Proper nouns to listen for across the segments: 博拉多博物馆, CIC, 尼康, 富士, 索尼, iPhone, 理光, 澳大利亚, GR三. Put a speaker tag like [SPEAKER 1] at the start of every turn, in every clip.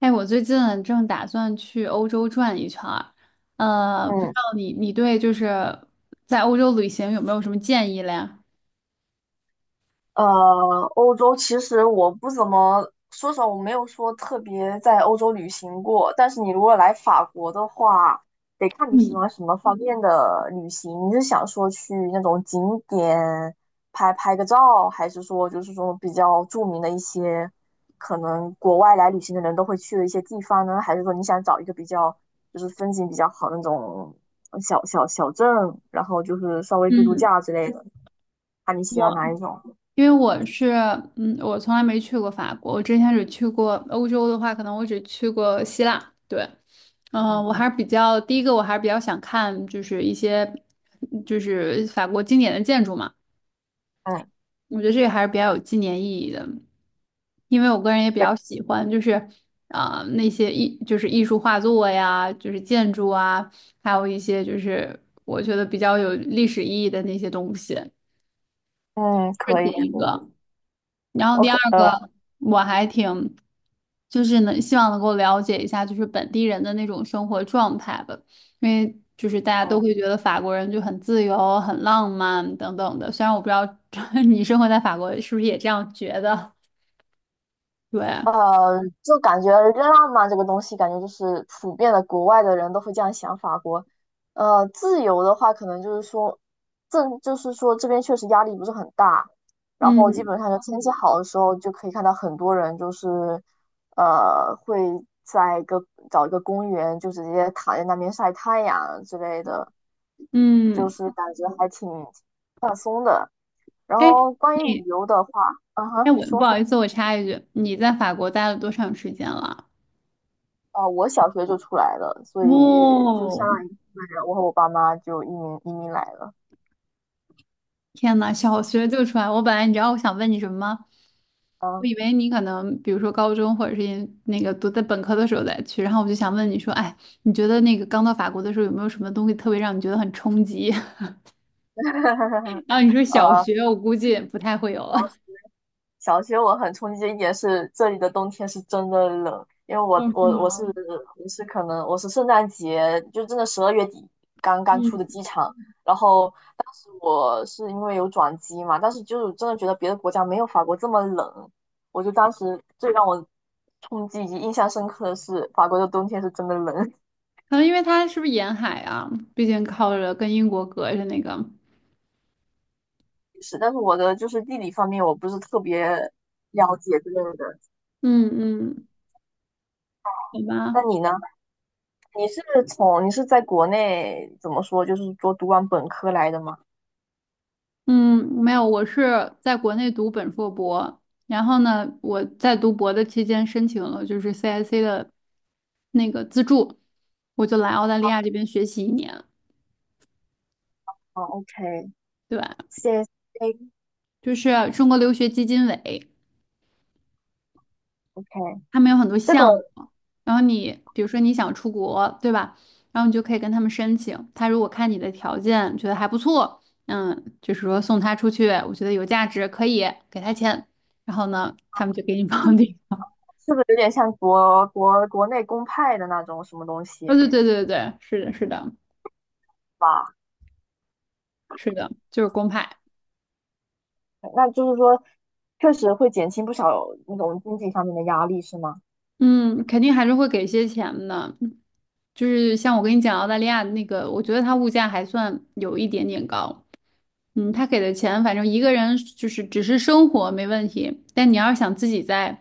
[SPEAKER 1] 哎，我最近啊正打算去欧洲转一圈儿，不知
[SPEAKER 2] 嗯
[SPEAKER 1] 道你对就是在欧洲旅行有没有什么建议嘞？
[SPEAKER 2] 欧洲其实我不怎么说实话，我没有说特别在欧洲旅行过。但是你如果来法国的话，得看你喜
[SPEAKER 1] 嗯
[SPEAKER 2] 欢什么方面的旅行。你是想说去那种景点拍拍个照，还是说就是说比较著名的一些可能国外来旅行的人都会去的一些地方呢？还是说你想找一个比较就是风景比较好的那种小镇，然后就是稍微度度
[SPEAKER 1] 嗯，
[SPEAKER 2] 假之类的？看你喜欢
[SPEAKER 1] 我
[SPEAKER 2] 哪一种。
[SPEAKER 1] 因为我是，我从来没去过法国，我之前只去过欧洲的话，可能我只去过希腊。对，
[SPEAKER 2] 嗯。
[SPEAKER 1] 我还是比较第一个，我还是比较想看就是一些就是法国经典的建筑嘛，
[SPEAKER 2] 嗯。
[SPEAKER 1] 我觉得这个还是比较有纪念意义的。因为我个人也比
[SPEAKER 2] 对。
[SPEAKER 1] 较喜欢，就是那些艺就是艺术画作呀，就是建筑啊，还有一些就是我觉得比较有历史意义的那些东西，
[SPEAKER 2] 嗯，
[SPEAKER 1] 这
[SPEAKER 2] 可
[SPEAKER 1] 是
[SPEAKER 2] 以，
[SPEAKER 1] 第
[SPEAKER 2] 可
[SPEAKER 1] 一
[SPEAKER 2] 以。
[SPEAKER 1] 个。然后
[SPEAKER 2] 我
[SPEAKER 1] 第二
[SPEAKER 2] 可，呃，
[SPEAKER 1] 个，我还挺就是能希望能够了解一下，就是本地人的那种生活状态吧，因为就是大家都
[SPEAKER 2] 嗯。
[SPEAKER 1] 会觉得法国人就很自由、很浪漫等等的。虽然我不知道 你生活在法国是不是也这样觉得，对。
[SPEAKER 2] 就感觉浪漫这个东西，感觉就是普遍的，国外的人都会这样想法国。自由的话，可能就是说，正就是说这边确实压力不是很大，然后基
[SPEAKER 1] 嗯
[SPEAKER 2] 本上就天气好的时候，就可以看到很多人就是，会在一个找一个公园，就直接躺在那边晒太阳之类的，就
[SPEAKER 1] 嗯，
[SPEAKER 2] 是感觉还挺然
[SPEAKER 1] 哎，
[SPEAKER 2] 后关于
[SPEAKER 1] 你，
[SPEAKER 2] 旅游的话。啊
[SPEAKER 1] 哎，
[SPEAKER 2] 哈，你
[SPEAKER 1] 我不
[SPEAKER 2] 说。
[SPEAKER 1] 好意思，我插一句，你在法国待了多长时间了？
[SPEAKER 2] 我小学就出来了，所以
[SPEAKER 1] 哇
[SPEAKER 2] 就相
[SPEAKER 1] 哦，
[SPEAKER 2] 当于是我和我爸妈就移民来了。
[SPEAKER 1] 天呐，小学就出来！我本来你知道我想问你什么吗？我
[SPEAKER 2] 嗯。
[SPEAKER 1] 以为你可能比如说高中或者是研那个读在本科的时候再去，然后我就想问你说，哎，你觉得那个刚到法国的时候有没有什么东西特别让你觉得很冲击？然 后你说
[SPEAKER 2] 呃，
[SPEAKER 1] 小学，我估计不太会有了。
[SPEAKER 2] 小学我很冲击的一点是，这里的冬天是真的冷，因为我
[SPEAKER 1] 哦，是
[SPEAKER 2] 我我
[SPEAKER 1] 吗？
[SPEAKER 2] 是我是可能我是圣诞节就真的十二月底刚刚出的
[SPEAKER 1] 嗯，
[SPEAKER 2] 机场，然后当时我是因为有转机嘛，但是就是真的觉得别的国家没有法国这么冷，我就当时最让我冲击以及印象深刻的是法国的冬天是真的冷。
[SPEAKER 1] 可能因为它是不是沿海啊？毕竟靠着跟英国隔着那个。
[SPEAKER 2] 是，但是我的就是地理方面我不是特别了解之类的。
[SPEAKER 1] 嗯嗯，好吧。
[SPEAKER 2] 那你呢？你是从你是在国内怎么说，就是说读完本科来的吗？
[SPEAKER 1] 嗯，没有，我是在国内读本硕博，然后呢，我在读博的期间申请了就是 CIC 的那个资助，我就来澳大利亚这边学习一年，对吧？
[SPEAKER 2] 哦OK，CSA，OK，
[SPEAKER 1] 就是中国留学基金委，他们有很多
[SPEAKER 2] 这个
[SPEAKER 1] 项目，然后你比如说你想出国，对吧？然后你就可以跟他们申请，他如果看你的条件觉得还不错，嗯，就是说送他出去，我觉得有价值，可以给他钱，然后呢，他们就给你
[SPEAKER 2] 是不
[SPEAKER 1] 绑
[SPEAKER 2] 是
[SPEAKER 1] 定。
[SPEAKER 2] 是不是有点像国内公派的那种什么东
[SPEAKER 1] 哦，
[SPEAKER 2] 西
[SPEAKER 1] 对对对对，对，是的，是的，
[SPEAKER 2] 吧？
[SPEAKER 1] 是的，就是公派，
[SPEAKER 2] 那就是说，确实会减轻不少那种经济上面的压力，是吗？
[SPEAKER 1] 嗯，肯定还是会给一些钱的。就是像我跟你讲澳大利亚那个，我觉得它物价还算有一点点高。嗯，他给的钱，反正一个人就是只是生活没问题，但你要是想自己在，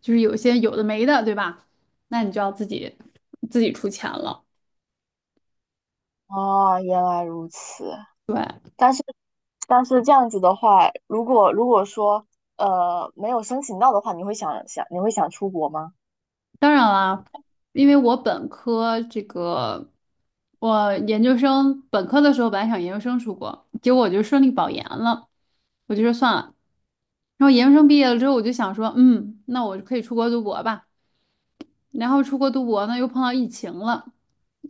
[SPEAKER 1] 就是有些有的没的，对吧？那你就要自己出钱了。
[SPEAKER 2] 哦，原来如此。但是但是这样子的话，如果如果说没有申请到的话，你会想你会想出国吗？
[SPEAKER 1] 当然啦，因为我本科这个，我研究生本科的时候本来想研究生出国，结果我就顺利保研了，我就说算了。然后研究生毕业了之后，我就想说，嗯，那我可以出国读博吧。然后出国读博呢，又碰到疫情了，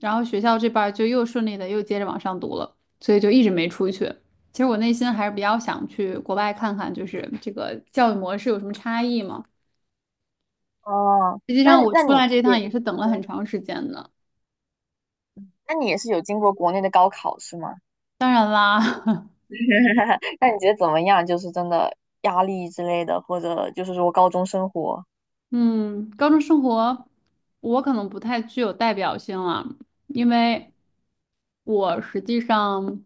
[SPEAKER 1] 然后学校这边儿就又顺利的又接着往上读了，所以就一直没出去。其实我内心还是比较想去国外看看，就是这个教育模式有什么差异嘛。
[SPEAKER 2] 哦，
[SPEAKER 1] 实际
[SPEAKER 2] 那
[SPEAKER 1] 上我
[SPEAKER 2] 那
[SPEAKER 1] 出
[SPEAKER 2] 你
[SPEAKER 1] 来这一
[SPEAKER 2] 也。
[SPEAKER 1] 趟也是等了很长时间的。
[SPEAKER 2] 那你也是有经过国内的高考是吗？
[SPEAKER 1] 当然啦，
[SPEAKER 2] 那你觉得怎么样？就是真的压力之类的，或者就是说高中生活？
[SPEAKER 1] 嗯，高中生活我可能不太具有代表性了，因为我实际上，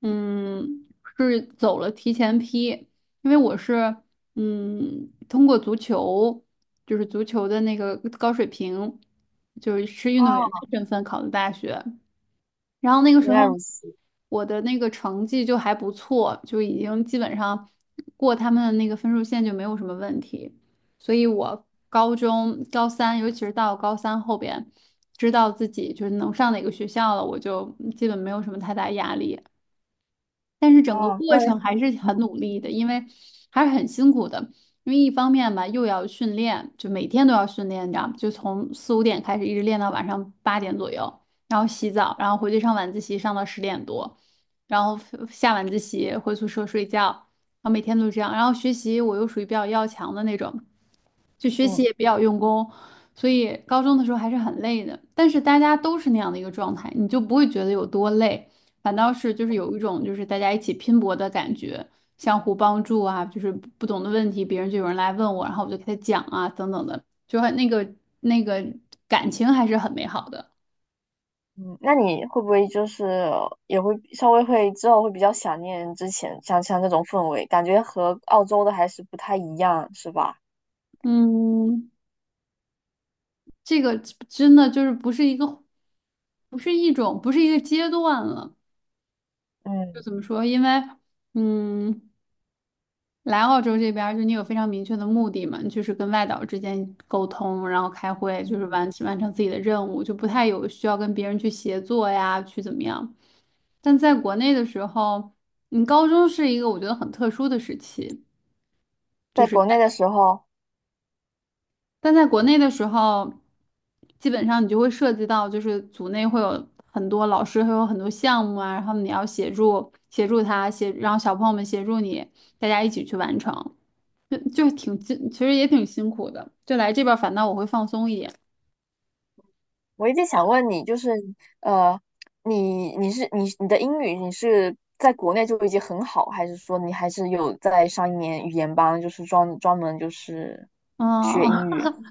[SPEAKER 1] 嗯，是走了提前批，因为我是，通过足球，就是足球的那个高水平，就是运动员
[SPEAKER 2] 啊，
[SPEAKER 1] 的身份考的大学。然后那个时
[SPEAKER 2] 原
[SPEAKER 1] 候
[SPEAKER 2] 来如此。
[SPEAKER 1] 我的那个成绩就还不错，就已经基本上过他们的那个分数线就没有什么问题。所以我高中高三，尤其是到高三后边，知道自己就是能上哪个学校了，我就基本没有什么太大压力。但是整个
[SPEAKER 2] 啊。
[SPEAKER 1] 过
[SPEAKER 2] 那你
[SPEAKER 1] 程还是很努力的，因为还是很辛苦的。因为一方面吧，又要训练，就每天都要训练，你知道吗？就从4、5点开始，一直练到晚上8点左右，然后洗澡，然后回去上晚自习，上到10点多，然后下晚自习回宿舍睡觉，然后每天都这样。然后学习我又属于比较要强的那种，就学习
[SPEAKER 2] 嗯。
[SPEAKER 1] 也比较用功，所以高中的时候还是很累的。但是大家都是那样的一个状态，你就不会觉得有多累，反倒是就是有一种就是大家一起拼搏的感觉，相互帮助啊，就是不懂的问题别人就有人来问我，然后我就给他讲啊，等等的，就很那个感情还是很美好的。
[SPEAKER 2] 嗯，那你会不会就是也会稍微会之后会比较想念之前像这种氛围，感觉和澳洲的还是不太一样，是吧？
[SPEAKER 1] 嗯，这个真的就是不是一个，不是一种，不是一个阶段了。就
[SPEAKER 2] 嗯。
[SPEAKER 1] 怎么说？因为，嗯，来澳洲这边儿，就你有非常明确的目的嘛，你就是跟外岛之间沟通，然后开会，就是
[SPEAKER 2] 嗯，
[SPEAKER 1] 完成自己的任务，就不太有需要跟别人去协作呀，去怎么样。但在国内的时候，你高中是一个我觉得很特殊的时期，
[SPEAKER 2] 在国内的时候。
[SPEAKER 1] 但在国内的时候，基本上你就会涉及到，就是组内会有很多老师，会有很多项目啊，然后你要协助协助他协，然后小朋友们协助你，大家一起去完成。就挺辛，其实也挺辛苦的。就来这边，反倒我会放松一点。
[SPEAKER 2] 我一直想问你，就是呃，你是你的英语你是在国内就已经很好，还是说你还是有在上一年语言班，就是专门就是
[SPEAKER 1] 哦，
[SPEAKER 2] 学英语？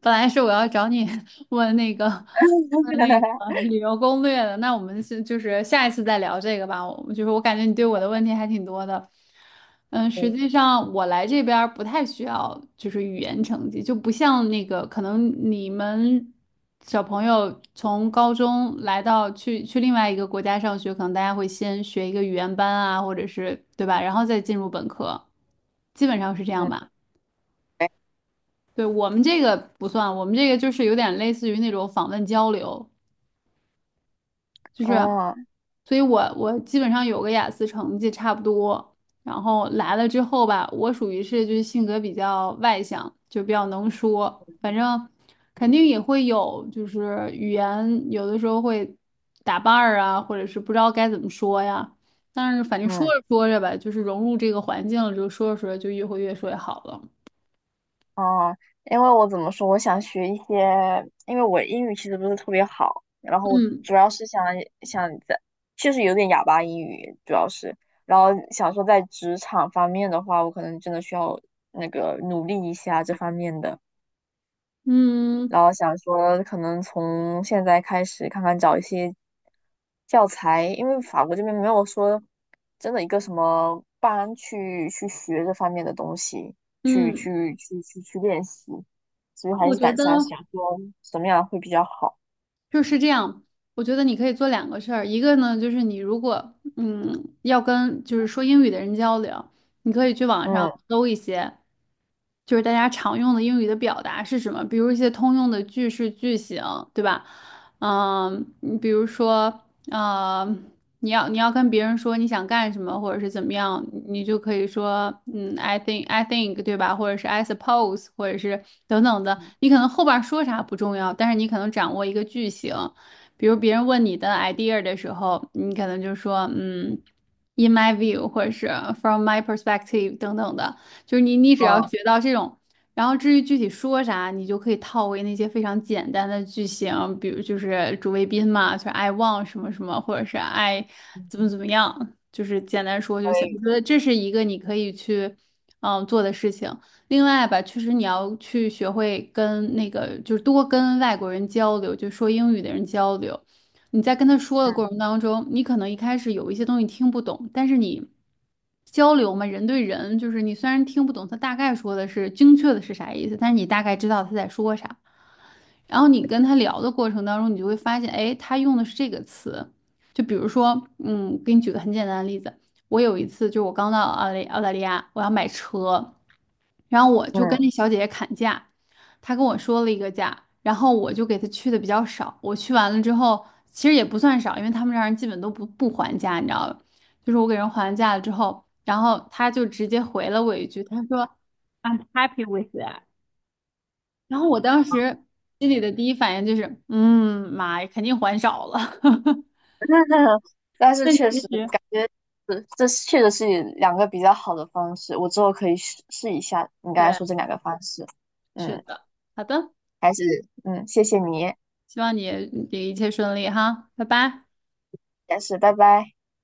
[SPEAKER 1] 本来是我要找你 问那个问那个 旅游攻略的，那我们是就是下一次再聊这个吧。我就是我感觉你对我的问题还挺多的。嗯，实
[SPEAKER 2] 对。
[SPEAKER 1] 际上我来这边儿不太需要就是语言成绩，就不像那个可能你们小朋友从高中来到去去另外一个国家上学，可能大家会先学一个语言班啊，或者是对吧，然后再进入本科，基本上是这样
[SPEAKER 2] 嗯。
[SPEAKER 1] 吧。对，我们这个不算，我们这个就是有点类似于那种访问交流，就是，
[SPEAKER 2] 啊。
[SPEAKER 1] 所以我基本上有个雅思成绩差不多，然后来了之后吧，我属于是就是性格比较外向，就比较能说，反正肯定也会有就是语言有的时候会打伴儿啊，或者是不知道该怎么说呀，但是反正说着
[SPEAKER 2] 嗯。
[SPEAKER 1] 说着吧，就是融入这个环境了，就说着说着就越会越说越好了，
[SPEAKER 2] 哦，因为我怎么说，我想学一些，因为我英语其实不是特别好，然后
[SPEAKER 1] 嗯
[SPEAKER 2] 主要是想想在，确实有点哑巴英语，主要是，然后想说在职场方面的话，我可能真的需要那个努力一下这方面的。
[SPEAKER 1] 嗯
[SPEAKER 2] 然后想说可能从现在开始看看找一些教材，因为法国这边没有说真的一个什么班去去学这方面的东西，去
[SPEAKER 1] 嗯，
[SPEAKER 2] 去去去去练习，所以还
[SPEAKER 1] 我
[SPEAKER 2] 是
[SPEAKER 1] 觉
[SPEAKER 2] 敢
[SPEAKER 1] 得。
[SPEAKER 2] 想想说什么样会比较好。
[SPEAKER 1] 就是这样，我觉得你可以做两个事儿，一个呢就是你如果嗯要跟就是说英语的人交流，你可以去网上
[SPEAKER 2] 嗯。
[SPEAKER 1] 搜一些，就是大家常用的英语的表达是什么，比如一些通用的句式句型，对吧？嗯，你比如说，啊。你要跟别人说你想干什么，或者是怎么样，你就可以说，嗯，I think，对吧？或者是 I suppose，或者是等等的。
[SPEAKER 2] 嗯。
[SPEAKER 1] 你可能后边说啥不重要，但是你可能掌握一个句型。比如别人问你的 idea 的时候，你可能就说，嗯，in my view，或者是 from my perspective 等等的。就是你只要
[SPEAKER 2] 嗯。
[SPEAKER 1] 学到这种然后至于具体说啥，你就可以套为那些非常简单的句型，比如就是主谓宾嘛，就是 I want 什么什么，或者是 I
[SPEAKER 2] 嗯。
[SPEAKER 1] 怎么怎么样，就是简单说就行。我
[SPEAKER 2] 对。
[SPEAKER 1] 觉得这是一个你可以去嗯做的事情。另外吧，确实你要去学会跟那个，就是多跟外国人交流，就说英语的人交流。你在跟他说的
[SPEAKER 2] 嗯。
[SPEAKER 1] 过程当中，你可能一开始有一些东西听不懂，但是你交流嘛，人对人，就是你虽然听不懂他大概说的是精确的是啥意思，但是你大概知道他在说啥。然后你跟他聊的过程当中，你就会发现，哎，他用的是这个词。就比如说，嗯，给你举个很简单的例子，我有一次就我刚到澳大利亚，我要买车。然后我就跟
[SPEAKER 2] 嗯。
[SPEAKER 1] 那小姐姐砍价，她跟我说了一个价，然后我就给她去的比较少。我去完了之后，其实也不算少，因为他们这儿人基本都不还价，你知道吧？就是我给人还完价了之后，然后她就直接回了我一句，她说：“I'm happy with that。” 然后我当时心里的第一反应就是，嗯，妈呀，肯定还少了。
[SPEAKER 2] 但是
[SPEAKER 1] 但
[SPEAKER 2] 确
[SPEAKER 1] 其
[SPEAKER 2] 实
[SPEAKER 1] 实，
[SPEAKER 2] 感觉是这是确实是两个比较好的方式，我之后可以试试一下你刚才
[SPEAKER 1] 对，
[SPEAKER 2] 说这两个方式。
[SPEAKER 1] 是
[SPEAKER 2] 嗯。
[SPEAKER 1] 的，好的，
[SPEAKER 2] 还是嗯，谢谢你。
[SPEAKER 1] 希望你一切顺利哈，拜拜。
[SPEAKER 2] 但是拜拜。